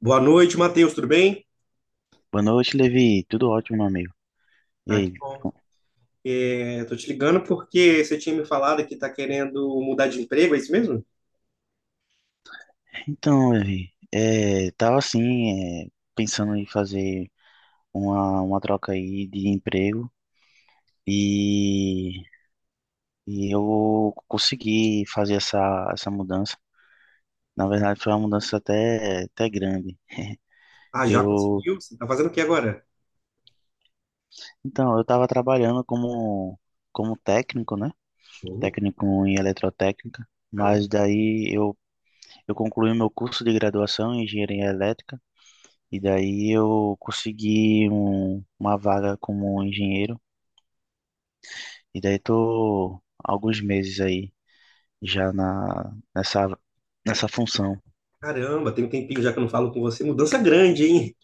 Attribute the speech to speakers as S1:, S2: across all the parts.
S1: Boa noite, Matheus, tudo bem?
S2: Boa noite, Levi. Tudo ótimo, meu amigo. E
S1: Aqui,
S2: aí?
S1: bom. É, tô te ligando porque você tinha me falado que tá querendo mudar de emprego, é isso mesmo?
S2: Então, Levi, tava assim, pensando em fazer uma troca aí de emprego e, e eu consegui fazer essa mudança. Na verdade, foi uma mudança até grande.
S1: Ah, já
S2: Eu,
S1: conseguiu? Você tá fazendo o que agora?
S2: eu tava trabalhando como técnico, né?
S1: Sim.
S2: Técnico em eletrotécnica,
S1: Ah, legal.
S2: mas eu concluí meu curso de graduação em engenharia elétrica. E daí eu consegui uma vaga como engenheiro. E daí tô há alguns meses aí já nessa função.
S1: Caramba, tem um tempinho já que eu não falo com você. Mudança grande, hein?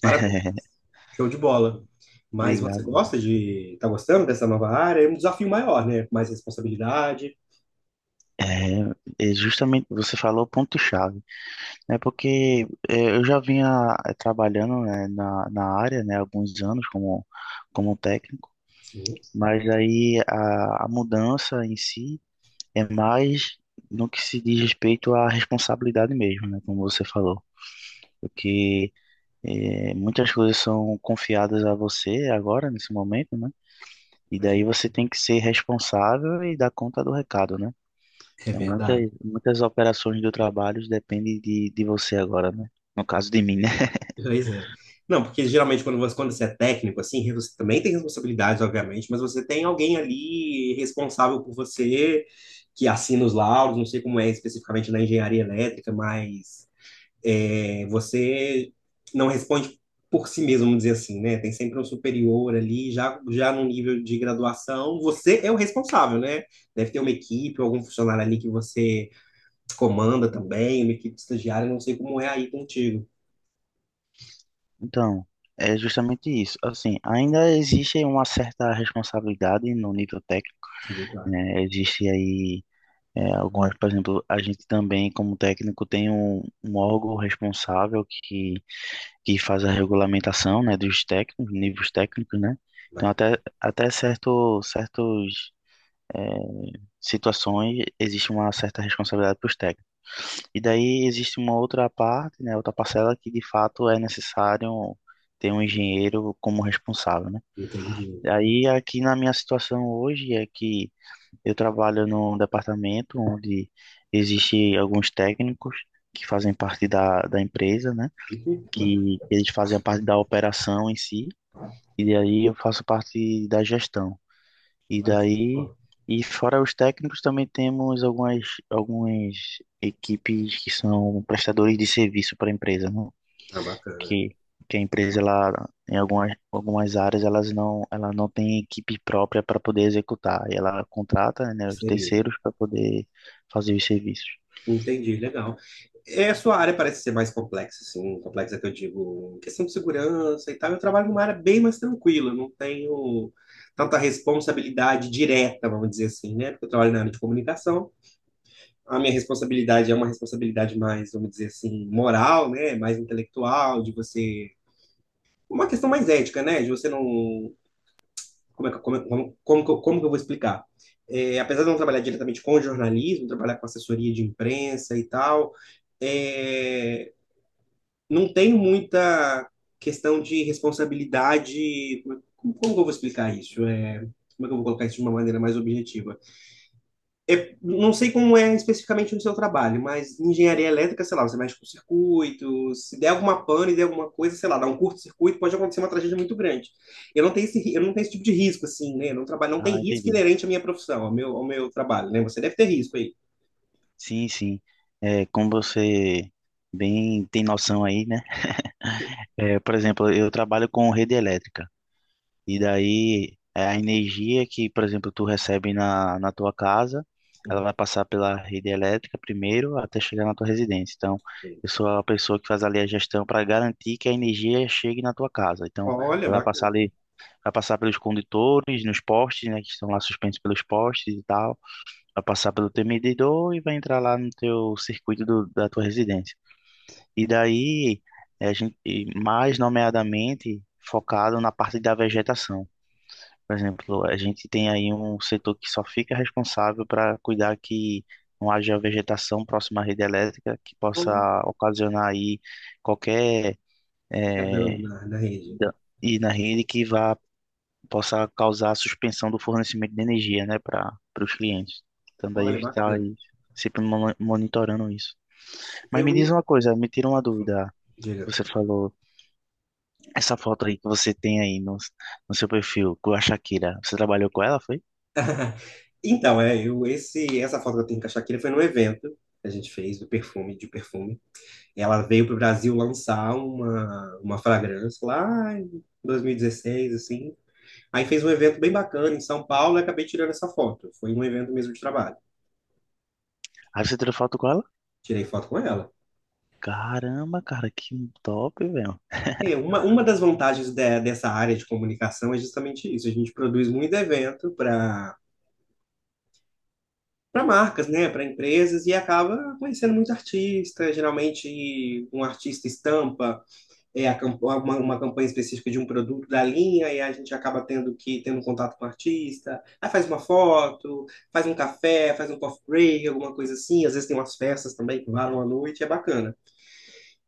S1: Parabéns, show de bola. Mas você
S2: Obrigado.
S1: gosta de... Tá gostando dessa nova área? É um desafio maior, né? Mais responsabilidade.
S2: É, é justamente, você falou o ponto-chave, né? Porque eu já vinha trabalhando, né, na área, né, há alguns anos como técnico,
S1: Sim,
S2: mas aí a mudança em si é mais no que se diz respeito à responsabilidade mesmo, né? Como você falou. Porque muitas coisas são confiadas a você agora, nesse momento, né? E daí
S1: imagina.
S2: você tem que ser responsável e dar conta do recado, né?
S1: É
S2: Então,
S1: verdade.
S2: muitas operações do trabalho dependem de você agora, né? No caso de mim, né?
S1: Pois é. Não, porque geralmente quando você é técnico, assim, você também tem responsabilidades, obviamente, mas você tem alguém ali responsável por você, que assina os laudos, não sei como é especificamente na engenharia elétrica, mas você não responde por si mesmo, vamos dizer assim, né? Tem sempre um superior ali, já no nível de graduação, você é o responsável, né? Deve ter uma equipe, algum funcionário ali que você comanda também, uma equipe de estagiário, não sei como é aí contigo.
S2: Então, é justamente isso. Assim, ainda existe uma certa responsabilidade no nível técnico,
S1: Sim, claro.
S2: né? Existe aí algumas, por exemplo, a gente também, como técnico, tem um órgão responsável que faz a regulamentação, né, dos técnicos, níveis técnicos, né? Então até certo certos é, situações existe uma certa responsabilidade para os técnicos. E daí existe uma outra parte, né, outra parcela que de fato é necessário ter um engenheiro como responsável, né?
S1: Entendi.
S2: Aí aqui na minha situação hoje é que eu trabalho num departamento onde existe alguns técnicos que fazem parte da empresa, né?
S1: E por mano,
S2: Que eles fazem a parte da operação em si, e daí eu faço parte da gestão. E
S1: olha,
S2: daí,
S1: ó,
S2: e fora os técnicos, também temos algumas equipes que são prestadores de serviço para a empresa, né?
S1: tá bacana.
S2: Que, que a empresa, ela, em algumas áreas, ela não tem equipe própria para poder executar, e ela contrata, né, os
S1: Seria, né?
S2: terceiros para poder fazer os serviços.
S1: Entendi, legal. É, a sua área parece ser mais complexa, assim, complexa que eu digo, em questão de segurança e tal. Eu trabalho numa área bem mais tranquila, não tenho tanta responsabilidade direta, vamos dizer assim, né? Porque eu trabalho na área de comunicação. A minha responsabilidade é uma responsabilidade mais, vamos dizer assim, moral, né? Mais intelectual, de você. Uma questão mais ética, né? De você não como, é que- como, é, como, como que eu vou explicar? É, apesar de eu não trabalhar diretamente com jornalismo, trabalhar com assessoria de imprensa e tal, é, não tem muita questão de responsabilidade. Como, como que eu vou explicar isso? É, como é que eu vou colocar isso de uma maneira mais objetiva? É, não sei como é especificamente no seu trabalho, mas em engenharia elétrica, sei lá, você mexe com circuitos, se der alguma pane, der alguma coisa, sei lá, dá um curto-circuito, pode acontecer uma tragédia muito grande. Eu não tenho eu não tenho esse tipo de risco, assim, né? Eu não trabalho, não tem
S2: Ah,
S1: risco
S2: entendi.
S1: inerente à minha profissão, ao meu trabalho, né? Você deve ter risco aí.
S2: Sim, sim. É, como você bem tem noção aí, né? É, por exemplo, eu trabalho com rede elétrica e daí é, a energia que, por exemplo, tu recebe na tua casa, ela
S1: Sim.
S2: vai passar pela rede elétrica primeiro até chegar na tua residência. Então,
S1: Sim.
S2: eu sou a pessoa que faz ali a gestão para garantir que a energia chegue na tua casa. Então,
S1: Olha,
S2: ela vai passar
S1: bacana.
S2: ali, vai passar pelos condutores, nos postes, né, que estão lá suspensos pelos postes e tal, vai passar pelo teu medidor e vai entrar lá no teu circuito da tua residência. E daí, e mais nomeadamente, focado na parte da vegetação. Por exemplo, a gente tem aí um setor que só fica responsável para cuidar que não haja vegetação próxima à rede elétrica que possa
S1: Olha,
S2: ocasionar aí qualquer
S1: qualquer dano
S2: eh,
S1: na, na rede.
S2: da- e na rede que vá possa causar a suspensão do fornecimento de energia, né, para os clientes. Então daí a
S1: Olha,
S2: gente está
S1: bacana.
S2: aí sempre monitorando isso. Mas me diz
S1: Eu,
S2: uma coisa, me tira uma dúvida.
S1: diga.
S2: Você falou, essa foto aí que você tem aí no seu perfil com a Shakira, você trabalhou com ela, foi?
S1: Então, é, eu, esse, essa foto que eu tenho com a Shakira foi num evento que a gente fez do perfume, de perfume. Ela veio para o Brasil lançar uma fragrância lá em 2016, assim. Aí fez um evento bem bacana em São Paulo e acabei tirando essa foto. Foi um evento mesmo de trabalho.
S2: Aí você tirou foto com ela?
S1: Tirei foto com ela.
S2: Caramba, cara, que top, velho.
S1: É, uma das vantagens dessa área de comunicação é justamente isso. A gente produz muito evento para para marcas, né, para empresas e acaba conhecendo muito artista. Geralmente um artista estampa uma campanha específica de um produto da linha, e a gente acaba tendo um contato com o artista, aí faz uma foto, faz um café, faz um coffee break, alguma coisa assim, às vezes tem umas festas também que varam à noite, é bacana.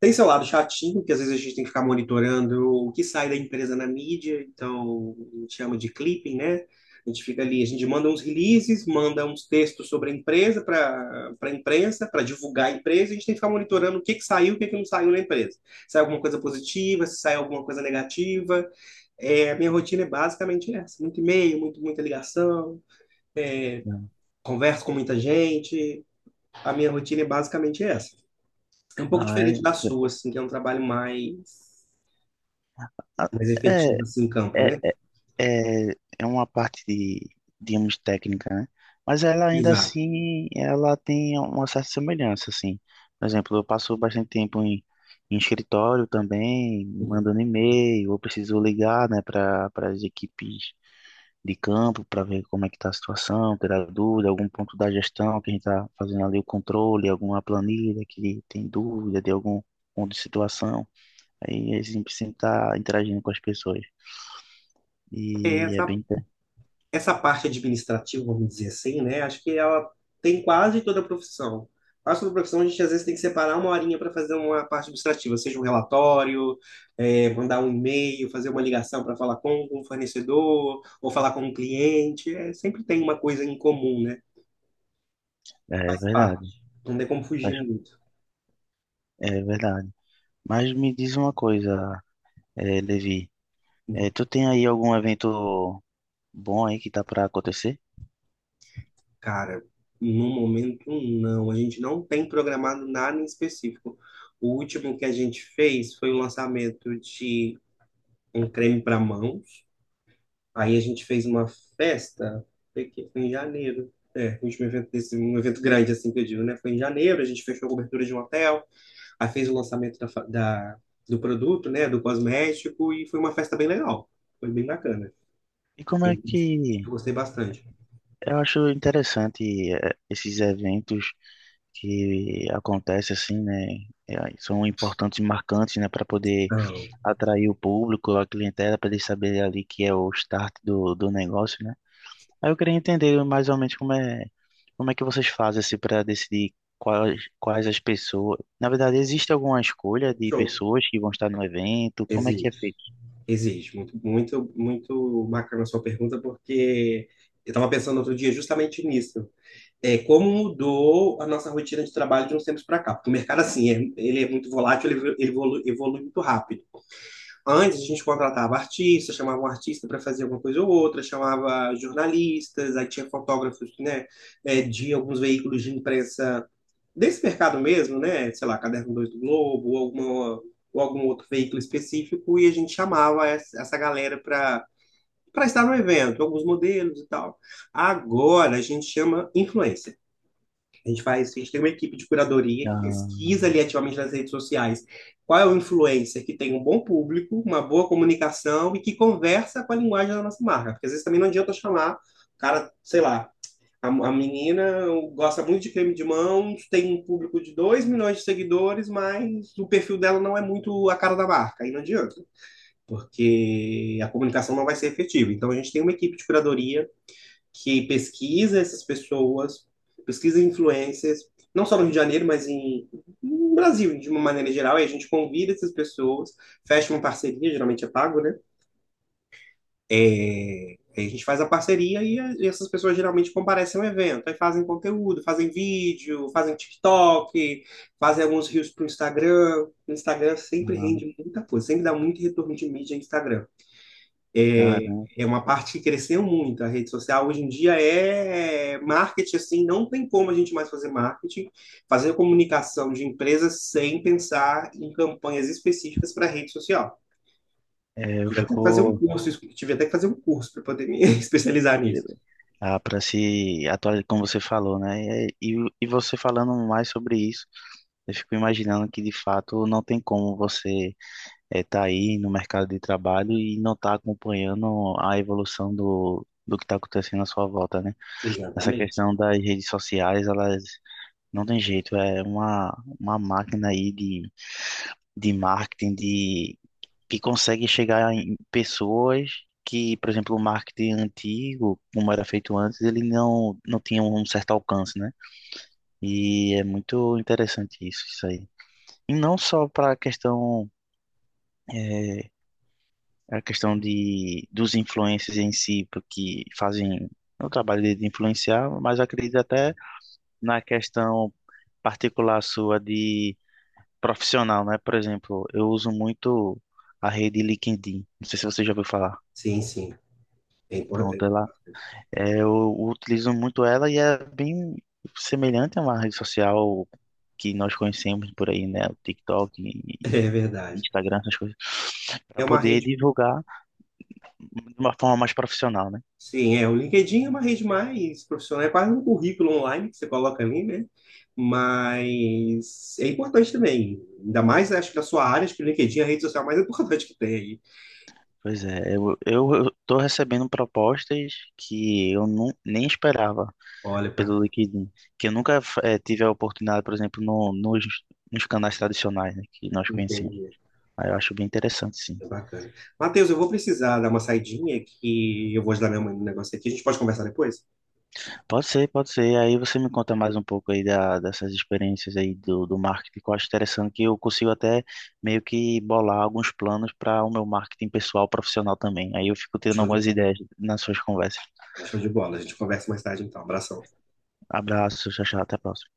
S1: Tem seu lado chatinho, que às vezes a gente tem que ficar monitorando o que sai da empresa na mídia, então a gente chama de clipping, né? A gente fica ali, a gente manda uns releases, manda uns textos sobre a empresa para para a imprensa, para divulgar a empresa, e a gente tem que ficar monitorando o que que saiu, o que que não saiu na empresa. Se sai alguma coisa positiva, se sai alguma coisa negativa. É, a minha rotina é basicamente essa, muito e-mail, muita ligação, é, converso com muita gente. A minha rotina é basicamente essa. É um pouco
S2: Ai,
S1: diferente da sua, assim, que é um trabalho
S2: a-
S1: mais
S2: é,
S1: efetivo, assim, em campo,
S2: é,
S1: né?
S2: é, é uma parte de, digamos, técnica, né? Mas ela ainda
S1: Exato.
S2: assim, ela tem uma certa semelhança, assim. Por exemplo, eu passo bastante tempo em escritório também,
S1: Sim.
S2: mandando e-mail, eu preciso ligar, né, para as equipes de campo para ver como é que está a situação, tirar dúvida, algum ponto da gestão que a gente está fazendo ali o controle, alguma planilha que tem dúvida de algum ponto de situação. Aí a gente sempre está interagindo com as pessoas.
S1: É,
S2: E é
S1: Essa, essa parte administrativa, vamos dizer assim, né? Acho que ela tem quase toda a profissão. Quase toda a profissão, a gente às vezes tem que separar uma horinha para fazer uma parte administrativa, seja um relatório, mandar um e-mail, fazer uma ligação para falar com um fornecedor, ou falar com um cliente. É, sempre tem uma coisa em comum, né?
S2: é
S1: Faz
S2: verdade.
S1: parte. Não tem como fugir
S2: Acho-
S1: muito.
S2: É verdade. Mas me diz uma coisa, Levi, tu tem aí algum evento bom aí que tá para acontecer?
S1: Cara, no momento não. A gente não tem programado nada em específico. O último que a gente fez foi o lançamento de um creme para mãos. Aí a gente fez uma festa, foi em janeiro. É, o último evento desse, um evento grande, assim que eu digo, né? Foi em janeiro, a gente fechou a cobertura de um hotel, aí fez o lançamento do produto, né? Do cosmético, e foi uma festa bem legal. Foi bem bacana.
S2: E como
S1: Eu,
S2: é que
S1: eu gostei bastante.
S2: eu acho interessante esses eventos que acontece assim, né? é, São importantes e marcantes, né, para poder
S1: Então,
S2: atrair o público, a clientela, para eles saberem ali que é o start do negócio, né? Aí eu queria entender mais ou menos como é que vocês fazem assim para decidir quais as pessoas. Na verdade, existe alguma escolha de
S1: show.
S2: pessoas que vão estar no evento? Como é que é
S1: Existe.
S2: feito?
S1: Exige. Muito, muito, muito bacana a sua pergunta, porque eu estava pensando outro dia justamente nisso. É, como mudou a nossa rotina de trabalho de uns tempos para cá? Porque o mercado, assim, ele é muito volátil, evolui muito rápido. Antes, a gente contratava artistas, chamava um artista para fazer alguma coisa ou outra, chamava jornalistas, aí tinha fotógrafos, de alguns veículos de imprensa desse mercado mesmo, né? Sei lá, Caderno Dois do Globo, ou, ou algum outro veículo específico, e a gente chamava essa galera para para estar no evento, alguns modelos e tal. Agora a gente chama influencer. A gente faz, a gente tem uma equipe de curadoria que
S2: Ah,
S1: pesquisa ali ativamente nas redes sociais qual é o influencer que tem um bom público, uma boa comunicação e que conversa com a linguagem da nossa marca. Porque às vezes também não adianta chamar o cara, sei lá, a menina gosta muito de creme de mãos, tem um público de 2 milhões de seguidores, mas o perfil dela não é muito a cara da marca, aí não adianta, porque a comunicação não vai ser efetiva. Então a gente tem uma equipe de curadoria que pesquisa essas pessoas, pesquisa influencers, não só no Rio de Janeiro, mas em, no Brasil de uma maneira geral, e a gente convida essas pessoas, fecha uma parceria, geralmente é pago, né? É, a gente faz a parceria e essas pessoas geralmente comparecem ao evento. Aí fazem conteúdo, fazem vídeo, fazem TikTok, fazem alguns reels para o Instagram. O Instagram sempre
S2: ah,
S1: rende muita coisa, sempre dá muito retorno de mídia no Instagram. É,
S2: cara,
S1: é uma parte que cresceu muito. A rede social hoje em dia é marketing, assim, não tem como a gente mais fazer marketing, fazer comunicação de empresas sem pensar em campanhas específicas para rede social.
S2: é, eu
S1: Tive até que fazer um
S2: fico
S1: curso, tive até que fazer um curso para poder me especializar nisso.
S2: ah, Para se atualizar, como você falou, né? E e você falando mais sobre isso, eu fico imaginando que de fato não tem como você estar tá aí no mercado de trabalho e não estar acompanhando a evolução do que está acontecendo à sua volta, né? Essa
S1: Exatamente.
S2: questão das redes sociais, elas não tem jeito, é uma máquina aí de marketing, de e consegue chegar em pessoas que, por exemplo, o marketing antigo, como era feito antes, ele não, não tinha um certo alcance, né? E é muito interessante isso, isso aí. E não só para a questão, eh, a questão dos influencers em si, porque fazem o trabalho de influenciar, mas acredito até na questão particular sua de profissional, né? Por exemplo, eu uso muito a rede LinkedIn. Não sei se você já ouviu falar.
S1: Sim, sim. É
S2: Pronto,
S1: importante.
S2: ela é, eu utilizo muito ela e é bem semelhante a uma rede social que nós conhecemos por aí, né? O TikTok
S1: É é
S2: e
S1: verdade.
S2: Instagram, essas coisas, para
S1: É uma
S2: poder
S1: rede.
S2: divulgar de uma forma mais profissional, né?
S1: Sim, é. O LinkedIn é uma rede mais profissional, é quase um currículo online que você coloca ali, né? Mas é importante também. Ainda mais, acho que na sua área, acho que o LinkedIn é a rede social mais importante que tem aí.
S2: Pois é, eu tô recebendo propostas que eu não, nem esperava
S1: Olha,
S2: pelo
S1: bacana.
S2: LinkedIn, que eu nunca tive a oportunidade, por exemplo, no, nos, nos canais tradicionais, né, que nós conhecemos.
S1: Entendi.
S2: Aí eu acho bem interessante, sim.
S1: É bacana. Matheus, eu vou precisar dar uma saidinha que eu vou ajudar minha mãe no negócio aqui. A gente pode conversar depois?
S2: Pode ser, pode ser. Aí você me conta mais um pouco aí dessas experiências aí do marketing, que eu acho interessante, que eu consigo até meio que bolar alguns planos para o meu marketing pessoal, profissional também. Aí eu fico tendo
S1: Show de
S2: algumas ideias nas suas conversas.
S1: Show de bola. A gente conversa mais tarde então. Abração.
S2: Abraço, tchau, tchau, até a próxima.